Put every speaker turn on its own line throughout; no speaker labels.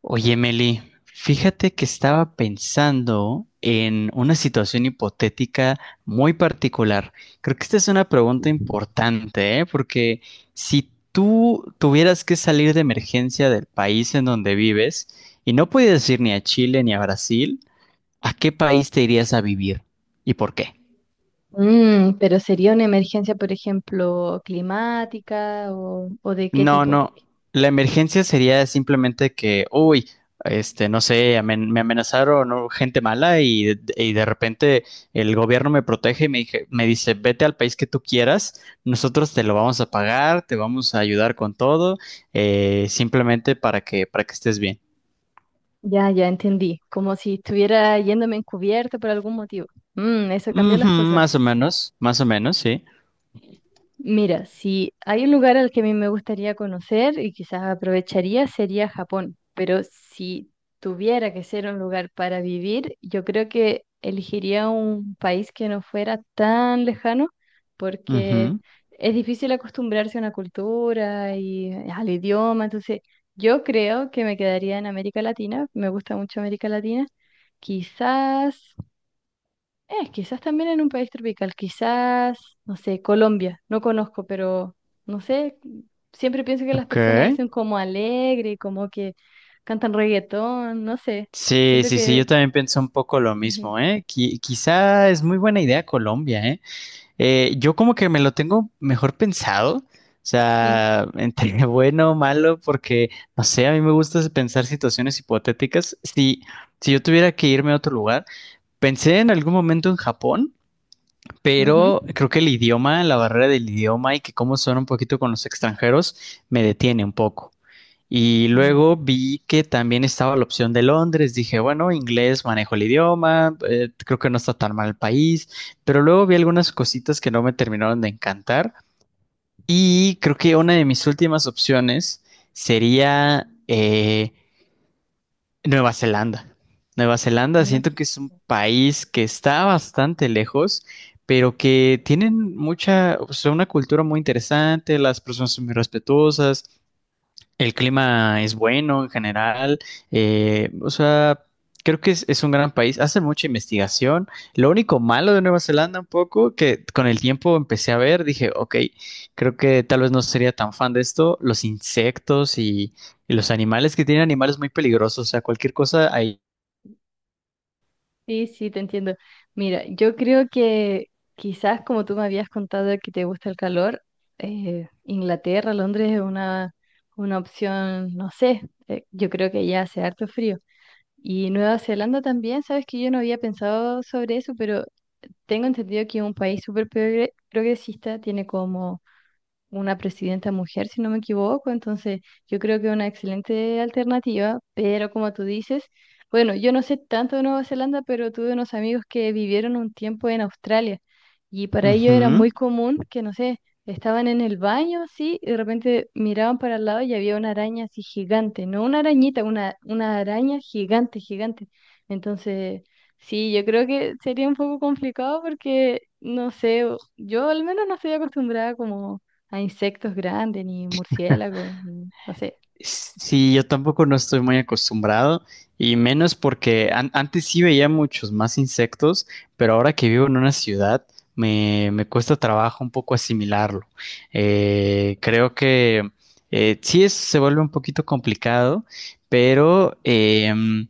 Oye, Meli, fíjate que estaba pensando en una situación hipotética muy particular. Creo que esta es una pregunta importante, ¿eh? Porque si tú tuvieras que salir de emergencia del país en donde vives y no pudieras ir ni a Chile ni a Brasil, ¿a qué país te irías a vivir y por qué?
Pero sería una emergencia, por ejemplo, climática o de qué
No,
tipo.
no. La emergencia sería simplemente que, uy, no sé, me amenazaron, ¿no? Gente mala y, de repente el gobierno me protege y me dice, vete al país que tú quieras, nosotros te lo vamos a pagar, te vamos a ayudar con todo, simplemente para que estés bien.
Ya entendí. Como si estuviera yéndome encubierto por algún motivo. Mm, eso cambia
Ujú,
las cosas.
más o menos, sí.
Mira, si hay un lugar al que a mí me gustaría conocer y quizás aprovecharía sería Japón, pero si tuviera que ser un lugar para vivir, yo creo que elegiría un país que no fuera tan lejano porque
Ujú.
es difícil acostumbrarse a una cultura y al idioma, entonces yo creo que me quedaría en América Latina, me gusta mucho América Latina, quizás quizás también en un país tropical, quizás, no sé, Colombia, no conozco, pero no sé, siempre pienso que las
Ok.
personas dicen como alegre, como que cantan reggaetón, no sé,
Sí,
siento
sí, sí, yo
que
también pienso un poco lo
ujú,
mismo, ¿eh? Quizá es muy buena idea Colombia, ¿eh? Yo como que me lo tengo mejor pensado, o
mm,
sea, entre bueno o malo, porque, no sé, a mí me gusta pensar situaciones hipotéticas. Si, si yo tuviera que irme a otro lugar, pensé en algún momento en Japón,
ujú.
pero creo que la barrera del idioma y que cómo son un poquito con los extranjeros, me detiene un poco. Y
Mm,
luego vi que también estaba la opción de Londres. Dije, bueno, inglés, manejo el idioma, creo que no está tan mal el país. Pero luego vi algunas cositas que no me terminaron de encantar. Y creo que una de mis últimas opciones sería Nueva Zelanda. Nueva Zelanda
no
siento
sé.
que es un país que está bastante lejos, pero que tienen mucha, o sea, una cultura muy interesante, las personas son muy respetuosas. El clima es bueno en general, o sea, creo que es un gran país, hacen mucha investigación. Lo único malo de Nueva Zelanda un poco, que con el tiempo empecé a ver, dije, ok, creo que tal vez no sería tan fan de esto, los insectos y los animales, que tienen animales muy peligrosos, o sea, cualquier cosa ahí.
Sí, sí, te entiendo. Mira, yo creo que quizás como tú me habías contado que te gusta el calor, Inglaterra, Londres es una opción, no sé, yo creo que ya hace harto frío. Y Nueva Zelanda también, sabes que yo no había pensado sobre eso, pero tengo entendido que es un país progresista, tiene como una presidenta mujer, si no me equivoco, entonces yo creo que es una excelente alternativa, pero como tú dices, bueno, yo no sé tanto de Nueva Zelanda, pero tuve unos amigos que vivieron un tiempo en Australia y para ellos era
Ujú.
muy común que, no sé, estaban en el baño, sí, y de repente miraban para el lado y había una araña así gigante, no una arañita, una araña gigante, gigante. Entonces sí, yo creo que sería un poco complicado porque, no sé, yo al menos no estoy acostumbrada como a insectos grandes, ni murciélagos, ni, no sé.
Sí, yo tampoco no estoy muy acostumbrado y menos porque antes sí veía muchos más insectos, pero ahora que vivo en una ciudad me cuesta trabajo un poco asimilarlo. Creo que sí se vuelve un poquito complicado, pero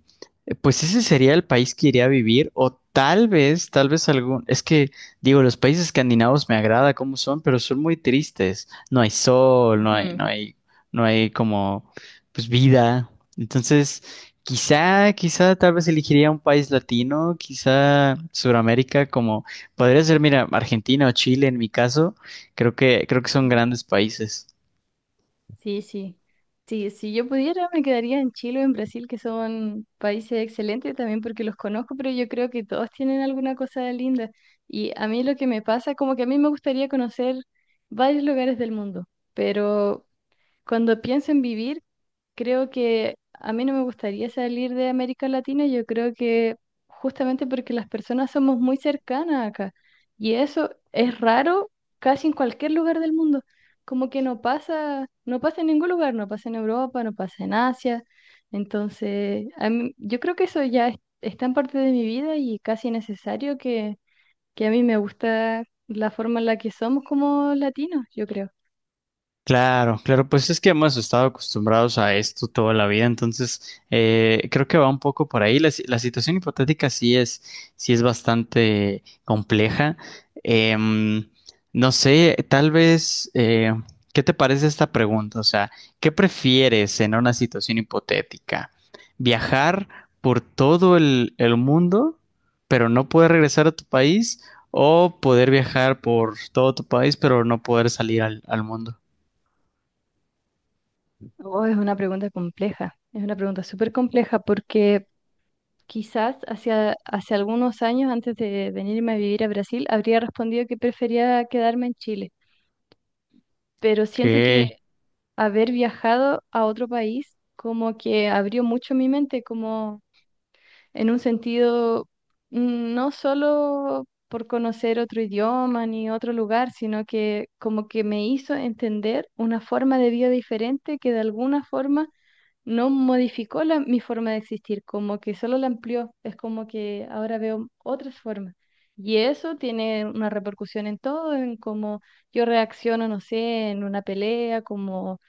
pues ese sería el país que iría a vivir o tal vez es que digo, los países escandinavos me agrada cómo son, pero son muy tristes. No hay sol,
Ujú.
no hay como pues vida. Entonces, quizá, quizá tal vez elegiría un país latino, quizá Sudamérica, como podría ser, mira, Argentina o Chile en mi caso, creo que son
Ujú.
grandes países.
Sí, sí. Sí, si yo pudiera, me quedaría en Chile o en Brasil, que son países excelentes también porque los conozco, pero yo creo que todos tienen alguna cosa linda. Y a mí lo que me pasa, como que a mí me gustaría conocer varios lugares del mundo, pero cuando pienso en vivir, creo que a mí no me gustaría salir de América Latina, yo creo que justamente porque las personas somos muy cercanas acá y eso es raro casi en cualquier lugar del mundo, como que no pasa, no pasa en ningún lugar, no pasa en Europa, no pasa en Asia, entonces a mí, yo creo que eso ya es tan parte de mi vida y casi necesario que a mí me gusta la forma en la que somos como latinos, yo creo.
Claro, claro, pues es que hemos estado acostumbrados a esto toda la vida, entonces creo que va un poco por ahí. La, si- La situación hipotética sí es bastante compleja. Em, no sé, tal vez, ¿qué te parece esta pregunta? O sea, ¿qué prefieres en una situación hipotética? ¿Viajar por todo el mundo, pero no poder regresar a tu país? ¿O poder viajar por todo tu país, pero no poder salir al mundo?
Oh, es una pregunta compleja, es una pregunta súper compleja porque quizás hacia, hace algunos años, antes de venirme a vivir a Brasil, habría respondido que prefería quedarme en Chile, pero siento que
Ok.
haber viajado a otro país como que abrió mucho mi mente, como en un sentido mm, no solo por conocer otro idioma ni otro lugar, sino que como que me hizo entender una forma de vida diferente que de alguna forma no modificó la- mi forma de existir, como que solo la amplió, es como que ahora veo otras formas. Y eso tiene una repercusión en todo, en cómo yo reacciono, no sé, en una pelea, como,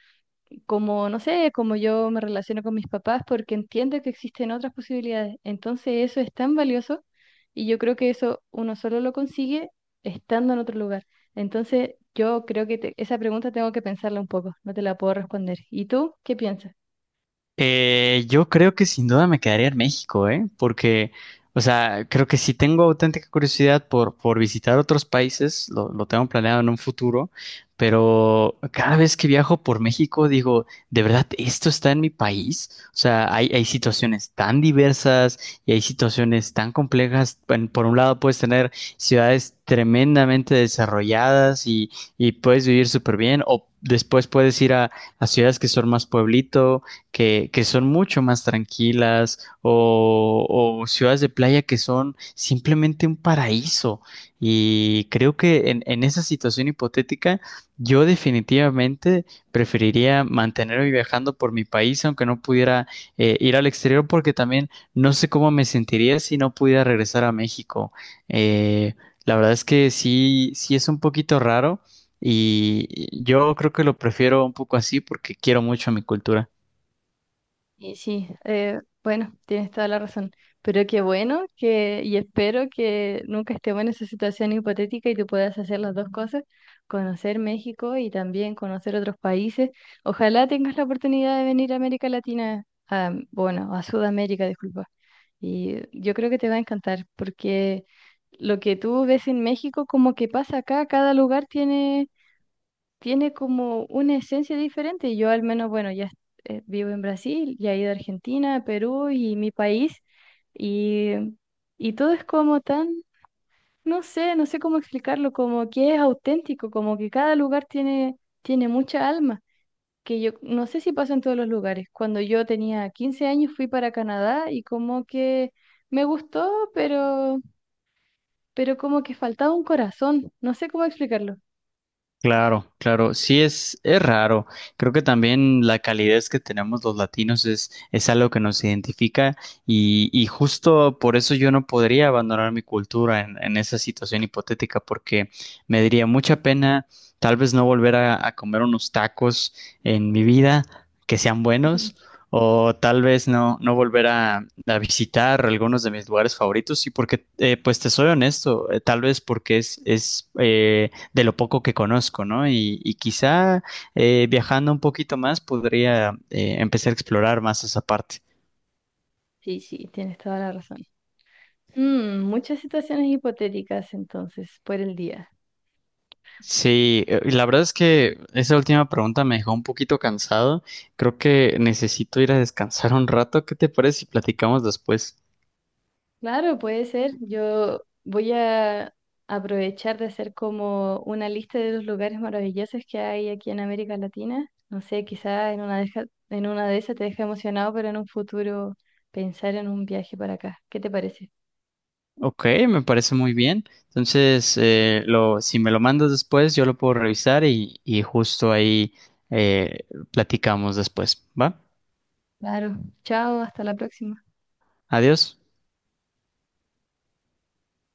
como, no sé, como yo me relaciono con mis papás, porque entiendo que existen otras posibilidades. Entonces eso es tan valioso y yo creo que eso uno solo lo consigue estando en otro lugar. Entonces yo creo que esa pregunta tengo que pensarla un poco, no te la puedo responder. ¿Y tú qué piensas?
Yo creo que sin duda me quedaría en México, ¿eh? Porque, o sea, creo que si tengo auténtica curiosidad por visitar otros países, lo tengo planeado en un futuro, pero cada vez que viajo por México digo, ¿de verdad esto está en mi país? O sea, hay situaciones tan diversas y hay situaciones tan complejas. Bueno, por un lado puedes tener ciudades tremendamente desarrolladas y puedes vivir súper bien, o después puedes ir a ciudades que son más pueblito que son mucho más tranquilas o ciudades de playa que son simplemente un paraíso. Y creo que en esa situación hipotética, yo definitivamente preferiría mantenerme viajando por mi país, aunque no pudiera ir al exterior, porque también no sé cómo me sentiría si no pudiera regresar a México. Eh, la verdad es que sí, sí es un poquito raro. Y yo creo que lo prefiero un poco así porque quiero mucho a mi cultura.
Y sí, bueno, tienes toda la razón. Pero qué bueno que, y espero que nunca estemos en esa situación hipotética y tú puedas hacer las dos cosas, conocer México y también conocer otros países. Ojalá tengas la oportunidad de venir a América Latina, a, bueno, a Sudamérica, disculpa. Y yo creo que te va a encantar porque lo que tú ves en México, como que pasa acá, cada lugar tiene como una esencia diferente. Yo al menos, bueno, ya vivo en Brasil, ya he ido a Argentina, Perú y mi país, y, y todo es como tan, no sé, no sé cómo explicarlo, como que es auténtico, como que cada lugar tiene, tiene mucha alma, que yo no sé si pasa en todos los lugares. Cuando yo tenía 15 años fui para Canadá y como que me gustó, pero como que faltaba un corazón, no sé cómo explicarlo.
Claro, claro, es raro. Creo que también la calidez que tenemos los latinos es algo que nos identifica y justo por eso yo no podría abandonar mi cultura en esa situación hipotética porque me daría mucha pena tal vez no volver a comer unos tacos en mi vida que sean
Ujú.
buenos o tal vez no volver a visitar algunos de mis lugares favoritos y porque, pues te soy honesto, tal vez porque es de lo poco que conozco, ¿no? Y quizá viajando un poquito más podría empezar a explorar más esa parte.
Sí, sí, tienes toda la razón. Mm, muchas situaciones hipotéticas entonces por el día.
Sí, la verdad es que esa última pregunta me dejó un poquito cansado. Creo que necesito ir a descansar un rato. ¿Qué te parece si platicamos después?
Claro, puede ser. Yo voy a aprovechar de hacer como una lista de los lugares maravillosos que hay aquí en América Latina. No sé, quizá en en una de esas te deja emocionado, pero en un futuro pensar en un viaje para acá. ¿Qué te parece?
Ok, me parece muy bien. Entonces, si me lo mandas después, yo lo puedo revisar y justo ahí eh, platicamos después, ¿va?
Claro. Chao, hasta la próxima.
Adiós.